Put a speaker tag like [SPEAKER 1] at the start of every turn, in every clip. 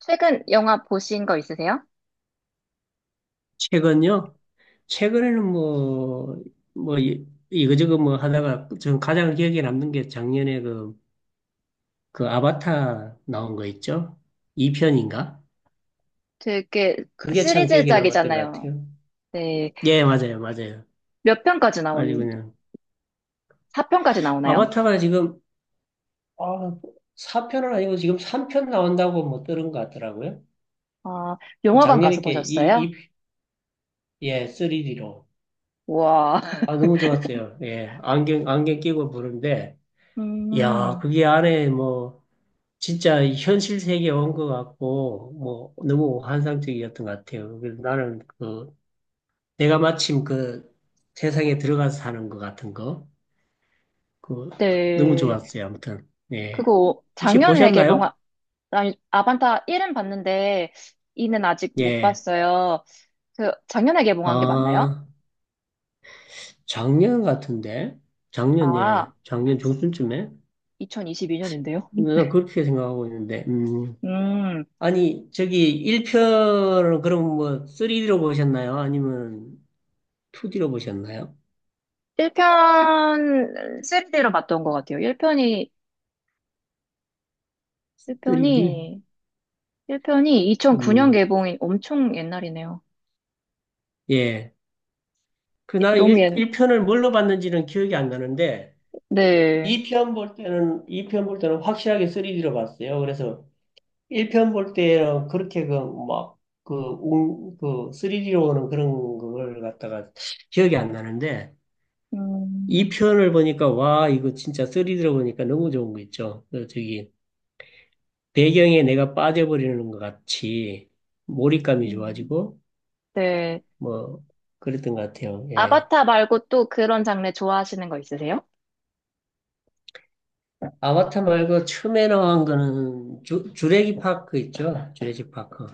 [SPEAKER 1] 최근 영화 보신 거 있으세요?
[SPEAKER 2] 최근요? 최근에는 뭐, 뭐, 이거저거 뭐 하다가 전 가장 기억에 남는 게 작년에 그, 그 아바타 나온 거 있죠? 2편인가?
[SPEAKER 1] 되게
[SPEAKER 2] 그게 참 기억에 남았던
[SPEAKER 1] 시리즈작이잖아요.
[SPEAKER 2] 것 같아요.
[SPEAKER 1] 네.
[SPEAKER 2] 예, 맞아요, 맞아요.
[SPEAKER 1] 몇 편까지
[SPEAKER 2] 아주
[SPEAKER 1] 나온,
[SPEAKER 2] 그냥.
[SPEAKER 1] 4편까지 나오나요?
[SPEAKER 2] 아바타가 지금, 아, 4편은 아니고 지금 3편 나온다고 뭐 들은 것 같더라고요.
[SPEAKER 1] 아, 영화관 가서
[SPEAKER 2] 작년에 게
[SPEAKER 1] 보셨어요?
[SPEAKER 2] 예, 3D로.
[SPEAKER 1] 와.
[SPEAKER 2] 아, 너무 좋았어요. 예, 안경 끼고 보는데, 야,
[SPEAKER 1] 음,
[SPEAKER 2] 그게 안에 뭐, 진짜 현실 세계에 온 것 같고, 뭐, 너무 환상적이었던 것 같아요. 그래서 나는 그, 내가 마침 그 세상에 들어가서 사는 것 같은 거, 그, 너무
[SPEAKER 1] 네.
[SPEAKER 2] 좋았어요. 아무튼, 예.
[SPEAKER 1] 그거
[SPEAKER 2] 혹시
[SPEAKER 1] 작년에
[SPEAKER 2] 보셨나요?
[SPEAKER 1] 개봉한, 아니, 아반타 1은 봤는데 2는 아직 못
[SPEAKER 2] 예.
[SPEAKER 1] 봤어요. 그 작년에 개봉한 게 맞나요?
[SPEAKER 2] 아, 작년 같은데? 작년,
[SPEAKER 1] 아,
[SPEAKER 2] 예. 작년 중순쯤에?
[SPEAKER 1] 2022년인데요.
[SPEAKER 2] 난 그렇게 생각하고 있는데,
[SPEAKER 1] 음,
[SPEAKER 2] 아니, 저기, 1편을 그럼 뭐, 3D로 보셨나요? 아니면 2D로 보셨나요?
[SPEAKER 1] 1편 3즈로 봤던 것 같아요. 1편이,
[SPEAKER 2] 3D?
[SPEAKER 1] 1편이 1편이 2009년 개봉이 엄청 옛날이네요.
[SPEAKER 2] 예. 그 나는
[SPEAKER 1] 너무 옛,
[SPEAKER 2] 일일편을 뭘로 봤는지는 기억이 안 나는데,
[SPEAKER 1] 네.
[SPEAKER 2] 이 편 볼 때는 확실하게 3D로 봤어요. 그래서 일 편 볼 때는 그렇게 그, 막, 그, 웅, 그, 3D로 오는 그런 걸 갖다가 기억이 안 나는데,
[SPEAKER 1] 음,
[SPEAKER 2] 이편을 보니까, 와, 이거 진짜 3D로 보니까 너무 좋은 거 있죠. 그 저기, 배경에 내가 빠져버리는 것 같이 몰입감이
[SPEAKER 1] 음.
[SPEAKER 2] 좋아지고,
[SPEAKER 1] 네.
[SPEAKER 2] 뭐, 그랬던 것 같아요. 예.
[SPEAKER 1] 아바타 말고 또 그런 장르 좋아하시는 거 있으세요?
[SPEAKER 2] 아바타 말고 처음에 나온 거는 주래기 파크 있죠? 주래기 파크.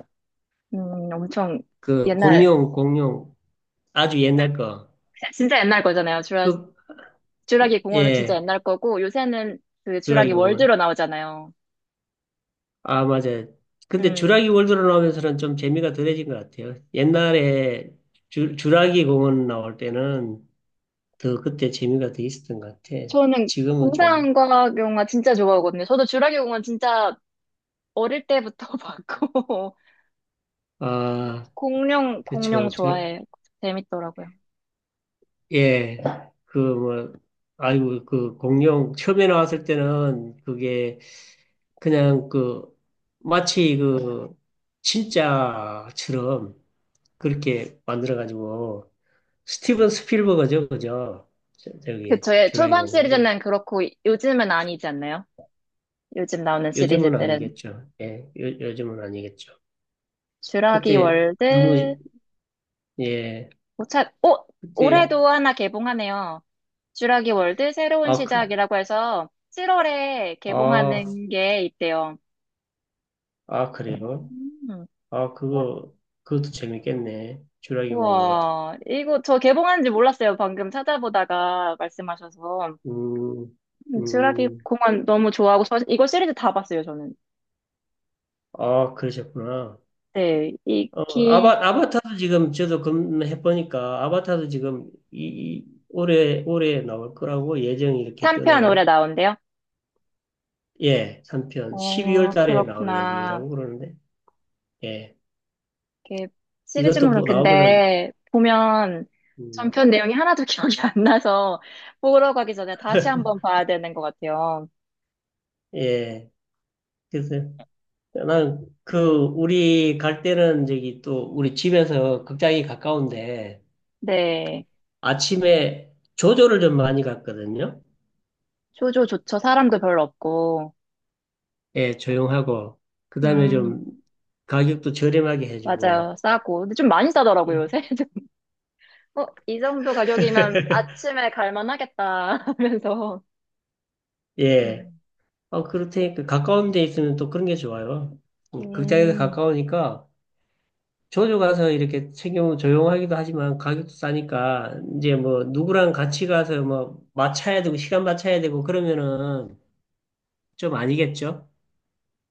[SPEAKER 1] 엄청
[SPEAKER 2] 그
[SPEAKER 1] 옛날,
[SPEAKER 2] 공룡. 아주 옛날 거.
[SPEAKER 1] 진짜 옛날 거잖아요.
[SPEAKER 2] 그,
[SPEAKER 1] 주라기 공원은 진짜
[SPEAKER 2] 예,
[SPEAKER 1] 옛날 거고, 요새는 그 주라기
[SPEAKER 2] 주라기
[SPEAKER 1] 월드로
[SPEAKER 2] 공원.
[SPEAKER 1] 나오잖아요.
[SPEAKER 2] 아, 맞아요. 근데
[SPEAKER 1] 음,
[SPEAKER 2] 주라기 월드로 나오면서는 좀 재미가 덜해진 것 같아요. 옛날에 주라기 공원 나올 때는 더 그때 재미가 더 있었던 것 같아.
[SPEAKER 1] 저는
[SPEAKER 2] 지금은 좀,
[SPEAKER 1] 공상과 영화 진짜 좋아하거든요. 저도 주라기 공원 진짜 어릴 때부터 봤고,
[SPEAKER 2] 아,
[SPEAKER 1] 공룡,
[SPEAKER 2] 그쵸.
[SPEAKER 1] 공룡
[SPEAKER 2] 저,
[SPEAKER 1] 좋아해요. 재밌더라고요.
[SPEAKER 2] 예. 그 뭐, 아이고, 그 공룡 처음에 나왔을 때는 그게 그냥 그 마치 그 진짜처럼 그렇게 만들어가지고 스티븐 스필버거죠, 그죠?
[SPEAKER 1] 그
[SPEAKER 2] 저기
[SPEAKER 1] 저의
[SPEAKER 2] 주라기
[SPEAKER 1] 초반
[SPEAKER 2] 공군이
[SPEAKER 1] 시리즈는 그렇고 요즘은 아니지 않나요? 요즘 나오는
[SPEAKER 2] 요즘은
[SPEAKER 1] 시리즈들은
[SPEAKER 2] 아니겠죠. 예, 요즘은 아니겠죠.
[SPEAKER 1] 쥬라기
[SPEAKER 2] 그때 너무
[SPEAKER 1] 월드
[SPEAKER 2] 예,
[SPEAKER 1] 오찾오
[SPEAKER 2] 그때
[SPEAKER 1] 올해도 하나 개봉하네요. 쥬라기 월드 새로운
[SPEAKER 2] 아, 그,
[SPEAKER 1] 시작이라고 해서 7월에
[SPEAKER 2] 아,
[SPEAKER 1] 개봉하는 게 있대요.
[SPEAKER 2] 아 그래요?
[SPEAKER 1] 음,
[SPEAKER 2] 아
[SPEAKER 1] 우-
[SPEAKER 2] 그거 그것도 재밌겠네. 주라기 공군 같은.
[SPEAKER 1] 우와, 이거 저 개봉하는지 몰랐어요. 방금 찾아보다가 말씀하셔서
[SPEAKER 2] 음,
[SPEAKER 1] 쥬라기
[SPEAKER 2] 음,
[SPEAKER 1] 공원 너무 좋아하고 저 이거 시리즈 다 봤어요 저는.
[SPEAKER 2] 아 그러셨구나.
[SPEAKER 1] 네,
[SPEAKER 2] 어,
[SPEAKER 1] 이기
[SPEAKER 2] 아바타도 지금 저도 검해보니까 아바타도 지금 이, 올해 나올 거라고 예정이 이렇게
[SPEAKER 1] 3편 올해
[SPEAKER 2] 뜨네요.
[SPEAKER 1] 나온대요.
[SPEAKER 2] 예, 3편. 12월
[SPEAKER 1] 어,
[SPEAKER 2] 달에 나올
[SPEAKER 1] 그렇구나.
[SPEAKER 2] 예정이라고 그러는데, 예.
[SPEAKER 1] 이렇게
[SPEAKER 2] 이것도
[SPEAKER 1] 시리즈물은
[SPEAKER 2] 뭐 나오면은,
[SPEAKER 1] 근데 보면
[SPEAKER 2] 음,
[SPEAKER 1] 전편 내용이 하나도 기억이 안 나서 보러 가기 전에 다시 한번 봐야 되는 것 같아요.
[SPEAKER 2] 예. 그래서 나는 그, 우리 갈 때는 저기 또 우리 집에서 극장이 가까운데
[SPEAKER 1] 네.
[SPEAKER 2] 아침에 조조를 좀 많이 갔거든요.
[SPEAKER 1] 쇼조조죠 사람도 별로 없고.
[SPEAKER 2] 예, 조용하고, 그 다음에
[SPEAKER 1] 음,
[SPEAKER 2] 좀 가격도 저렴하게 해주고,
[SPEAKER 1] 맞아요. 싸고. 근데 좀 많이 싸더라고요,
[SPEAKER 2] 예.
[SPEAKER 1] 요새. 어, 이 정도 가격이면 아침에 갈만 하겠다 하면서.
[SPEAKER 2] 예.
[SPEAKER 1] 음,
[SPEAKER 2] 어, 그렇다니까 가까운 데 있으면 또 그런 게 좋아요. 극장에서
[SPEAKER 1] 음.
[SPEAKER 2] 가까우니까 자주 가서 이렇게 챙겨 조용하기도 하지만 가격도 싸니까 이제 뭐 누구랑 같이 가서 뭐 맞춰야 되고 시간 맞춰야 되고 그러면은 좀 아니겠죠?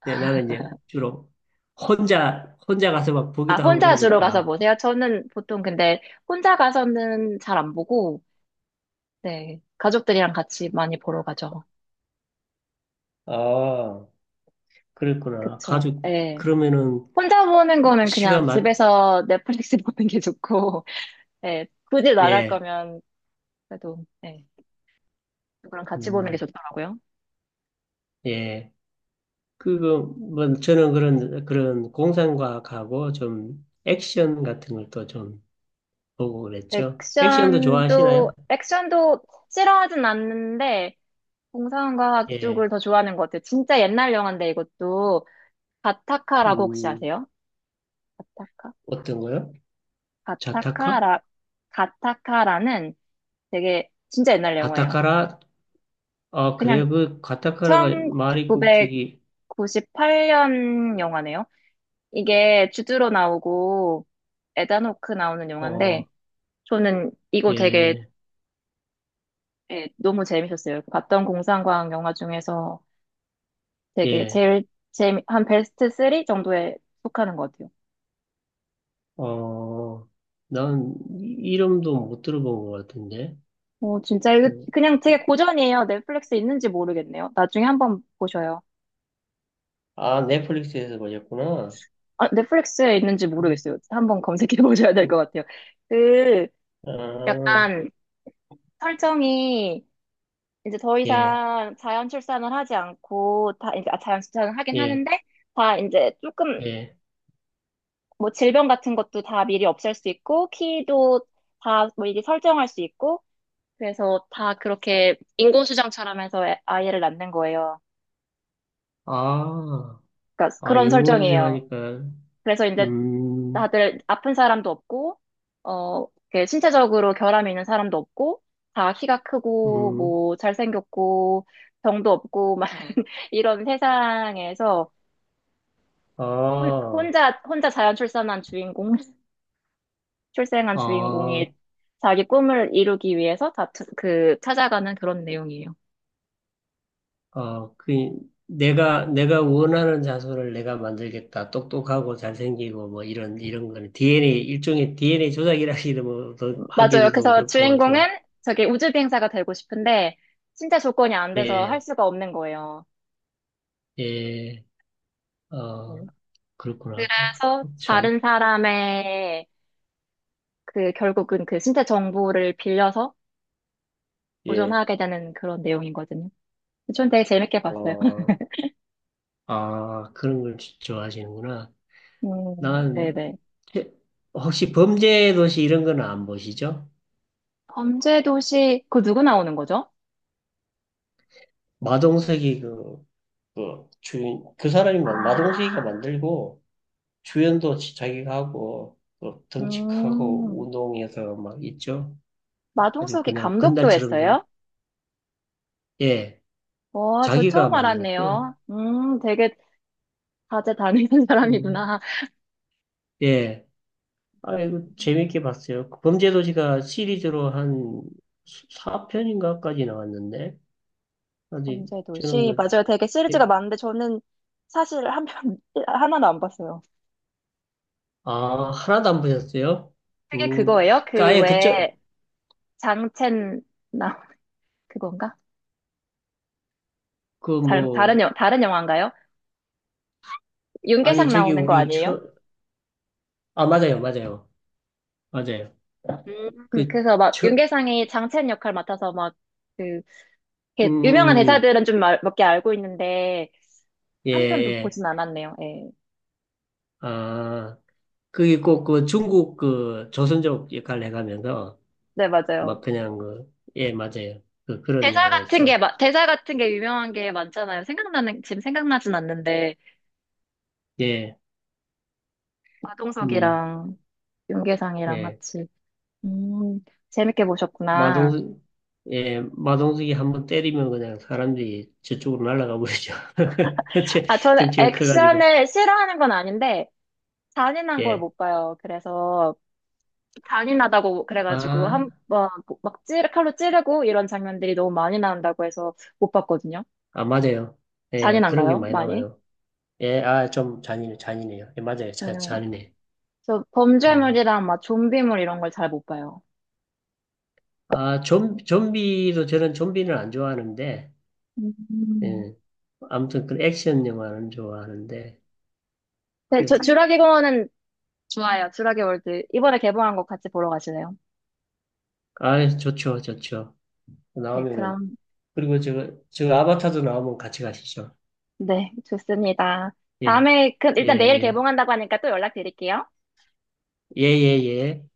[SPEAKER 2] 네, 나는 이제 주로 혼자 가서 막
[SPEAKER 1] 아,
[SPEAKER 2] 보기도 하고
[SPEAKER 1] 혼자 주로 가서
[SPEAKER 2] 그러니까.
[SPEAKER 1] 보세요? 저는 보통 근데 혼자 가서는 잘 안 보고, 네, 가족들이랑 같이 많이 보러 가죠.
[SPEAKER 2] 아, 그랬구나.
[SPEAKER 1] 그쵸.
[SPEAKER 2] 가족
[SPEAKER 1] 예.
[SPEAKER 2] 그러면은
[SPEAKER 1] 혼자 보는 거는 그냥
[SPEAKER 2] 시간 맞
[SPEAKER 1] 집에서 넷플릭스 보는 게 좋고, 예. 굳이 나갈
[SPEAKER 2] 예.
[SPEAKER 1] 거면 그래도, 예. 누구랑 같이 보는 게
[SPEAKER 2] 음,
[SPEAKER 1] 좋더라고요.
[SPEAKER 2] 예. 그거 뭐 저는 그런 그런 공상과학하고 좀 액션 같은 걸 또 좀 보고 그랬죠. 액션도
[SPEAKER 1] 액션도,
[SPEAKER 2] 좋아하시나요?
[SPEAKER 1] 액션도 싫어하진 않는데, 공상과학 쪽을
[SPEAKER 2] 예.
[SPEAKER 1] 더 좋아하는 것 같아요. 진짜 옛날 영화인데 이것도, 가타카라고 혹시
[SPEAKER 2] 음,
[SPEAKER 1] 아세요? 가타카?
[SPEAKER 2] 어떤 거요? 자타카?
[SPEAKER 1] 가타카라, 가타카라는 되게 진짜 옛날 영화예요.
[SPEAKER 2] 가타카라? 아,
[SPEAKER 1] 그냥
[SPEAKER 2] 그래요. 그 가타카라가 말이 꼭 저기
[SPEAKER 1] 98년 영화네요. 이게 주드로 나오고 에다노크 나오는
[SPEAKER 2] 어,
[SPEAKER 1] 영화인데 저는 이거 되게
[SPEAKER 2] 예.
[SPEAKER 1] 예, 너무 재밌었어요. 봤던 공상과학 영화 중에서 되게
[SPEAKER 2] 예.
[SPEAKER 1] 제일 재미 한 베스트 3 정도에 속하는 것 같아요.
[SPEAKER 2] 어, 난 이름도 못 들어본 것 같은데.
[SPEAKER 1] 어, 진짜 이거
[SPEAKER 2] 그,
[SPEAKER 1] 그냥 되게 고전이에요. 넷플릭스 있는지 모르겠네요. 나중에 한번 보셔요.
[SPEAKER 2] 아, 넷플릭스에서 보셨구나.
[SPEAKER 1] 아, 넷플릭스에 있는지
[SPEAKER 2] 음,
[SPEAKER 1] 모르겠어요. 한번 검색해 보셔야 될 것
[SPEAKER 2] 음,
[SPEAKER 1] 같아요. 그
[SPEAKER 2] 아,
[SPEAKER 1] 약간 설정이 이제 더
[SPEAKER 2] 예.
[SPEAKER 1] 이상 자연 출산을 하지 않고 다 이제 아, 자연 출산을 하긴
[SPEAKER 2] 예.
[SPEAKER 1] 하는데 다 이제 조금
[SPEAKER 2] 예.
[SPEAKER 1] 뭐 질병 같은 것도 다 미리 없앨 수 있고 키도 다 미리 설정할 수 있고 그래서 다 그렇게 인공수정처럼 해서 아이를 낳는 거예요.
[SPEAKER 2] 아,
[SPEAKER 1] 그러니까
[SPEAKER 2] 아,
[SPEAKER 1] 그런
[SPEAKER 2] 인공수생
[SPEAKER 1] 설정이에요.
[SPEAKER 2] 하니까,
[SPEAKER 1] 그래서 이제
[SPEAKER 2] 음,
[SPEAKER 1] 다들 아픈 사람도 없고 어 이렇게 신체적으로 결함이 있는 사람도 없고 다 키가 크고
[SPEAKER 2] 음,
[SPEAKER 1] 뭐 잘생겼고 병도 없고 막 이런 세상에서
[SPEAKER 2] 아,
[SPEAKER 1] 혼자 자연 출산한 주인공, 출생한 주인공이
[SPEAKER 2] 아,
[SPEAKER 1] 자기 꿈을 이루기 위해서 찾아가는 그런 내용이에요.
[SPEAKER 2] 아, 그, 내가 원하는 자손을 내가 만들겠다. 똑똑하고 잘생기고, 뭐, 이런 거는 DNA, 일종의 DNA 조작이라기도 뭐, 더
[SPEAKER 1] 맞아요.
[SPEAKER 2] 하기도 좀
[SPEAKER 1] 그래서
[SPEAKER 2] 그렇고,
[SPEAKER 1] 주인공은
[SPEAKER 2] 좀,
[SPEAKER 1] 저기 우주 비행사가 되고 싶은데, 진짜 조건이 안 돼서 할
[SPEAKER 2] 예,
[SPEAKER 1] 수가 없는 거예요.
[SPEAKER 2] 예, 어,
[SPEAKER 1] 음.
[SPEAKER 2] 그렇구나. 그,
[SPEAKER 1] 그래서
[SPEAKER 2] 참,
[SPEAKER 1] 다른 사람의 그, 결국은 그 신체 정보를 빌려서
[SPEAKER 2] 예.
[SPEAKER 1] 도전하게 되는 그런 내용이거든요. 전 되게 재밌게 봤어요.
[SPEAKER 2] 어, 아, 그런 걸 좋아하시는구나. 난
[SPEAKER 1] 네네.
[SPEAKER 2] 최- 혹시 범죄 도시 이런 거는 안 보시죠?
[SPEAKER 1] 범죄도시, 그 누구 나오는 거죠?
[SPEAKER 2] 마동석이 그, 그 주인 그 사람이 마동석이가
[SPEAKER 1] 아.
[SPEAKER 2] 만들고 주연도 자기가 하고 또 덩치크하고
[SPEAKER 1] 음,
[SPEAKER 2] 운동해서 막 있죠. 아주
[SPEAKER 1] 마동석이
[SPEAKER 2] 그냥
[SPEAKER 1] 감독도
[SPEAKER 2] 건달처럼 생
[SPEAKER 1] 했어요?
[SPEAKER 2] 예,
[SPEAKER 1] 와, 저
[SPEAKER 2] 자기가
[SPEAKER 1] 처음
[SPEAKER 2] 만들었어요.
[SPEAKER 1] 알았네요. 되게 다재 다능한
[SPEAKER 2] 음,
[SPEAKER 1] 사람이구나.
[SPEAKER 2] 예, 아이고 재밌게 봤어요. 그 범죄 도시가 시리즈로 한 4편인가까지 나왔는데 아직 저는
[SPEAKER 1] 범죄도시.
[SPEAKER 2] 그
[SPEAKER 1] 맞아요. 되게 시리즈가 많은데 저는 사실 한 편, 하나도 안 봤어요.
[SPEAKER 2] 아, 하나도 안 보셨어요?
[SPEAKER 1] 그게 그거예요? 그
[SPEAKER 2] 그러니까 아예 그쪽,
[SPEAKER 1] 왜 장첸, 나, 그건가?
[SPEAKER 2] 그 뭐,
[SPEAKER 1] 다른 영화인가요?
[SPEAKER 2] 아니,
[SPEAKER 1] 윤계상
[SPEAKER 2] 저기
[SPEAKER 1] 나오는 거
[SPEAKER 2] 우리
[SPEAKER 1] 아니에요?
[SPEAKER 2] 처, 아, 맞아요.
[SPEAKER 1] 음,
[SPEAKER 2] 그,
[SPEAKER 1] 그래서 막
[SPEAKER 2] 처,
[SPEAKER 1] 윤계상이 장첸 역할 맡아서 막 그, 이렇게 유명한
[SPEAKER 2] 음,
[SPEAKER 1] 대사들은 좀 몇 개 알고 있는데,
[SPEAKER 2] 예,
[SPEAKER 1] 한 편도
[SPEAKER 2] 예.
[SPEAKER 1] 보진 않았네요. 예.
[SPEAKER 2] 아, 그게 꼭 그 중국 그 조선족 역할을 해가면서
[SPEAKER 1] 네, 맞아요.
[SPEAKER 2] 막 그냥 그, 예, 맞아요. 그, 그런 영화였죠.
[SPEAKER 1] 대사 같은 게 유명한 게 많잖아요. 지금 생각나진 않는데,
[SPEAKER 2] 예, 음,
[SPEAKER 1] 마동석이랑 윤계상이랑
[SPEAKER 2] 예.
[SPEAKER 1] 같이. 음, 재밌게 보셨구나.
[SPEAKER 2] 마동석, 예, 마동석이 한번 때리면 그냥 사람들이 저쪽으로 날아가 버리죠.
[SPEAKER 1] 아, 저는
[SPEAKER 2] 덩치가 커가지고.
[SPEAKER 1] 액션을 싫어하는 건 아닌데, 잔인한 걸
[SPEAKER 2] 예.
[SPEAKER 1] 못 봐요. 그래서, 잔인하다고 그래가지고, 한
[SPEAKER 2] 아,
[SPEAKER 1] 번 막 칼로 찌르고 이런 장면들이 너무 많이 나온다고 해서 못 봤거든요.
[SPEAKER 2] 아, 맞아요. 예, 그런 게
[SPEAKER 1] 잔인한가요?
[SPEAKER 2] 많이
[SPEAKER 1] 많이?
[SPEAKER 2] 나와요. 예, 아, 잔인해요. 예, 맞아요.
[SPEAKER 1] 네.
[SPEAKER 2] 잔인해.
[SPEAKER 1] 저
[SPEAKER 2] 음.
[SPEAKER 1] 범죄물이랑 막 좀비물 이런 걸 잘 못 봐요.
[SPEAKER 2] 아, 좀비도 저는 좀비는 안 좋아하는데,
[SPEAKER 1] 음.
[SPEAKER 2] 예. 아무튼 그 액션 영화는 좋아하는데,
[SPEAKER 1] 네, 저
[SPEAKER 2] 그래서,
[SPEAKER 1] 주라기 공원은 좋아요. 주라기 월드. 이번에 개봉한 거 같이 보러 가실래요?
[SPEAKER 2] 아, 좋죠.
[SPEAKER 1] 네,
[SPEAKER 2] 나오면은,
[SPEAKER 1] 그럼,
[SPEAKER 2] 그리고 저, 저 아바타도 나오면 같이 가시죠.
[SPEAKER 1] 네, 좋습니다.
[SPEAKER 2] 예,
[SPEAKER 1] 다음에, 그,
[SPEAKER 2] 예,
[SPEAKER 1] 일단 내일
[SPEAKER 2] 예.
[SPEAKER 1] 개봉한다고 하니까 또 연락드릴게요.
[SPEAKER 2] 예, 예, 예.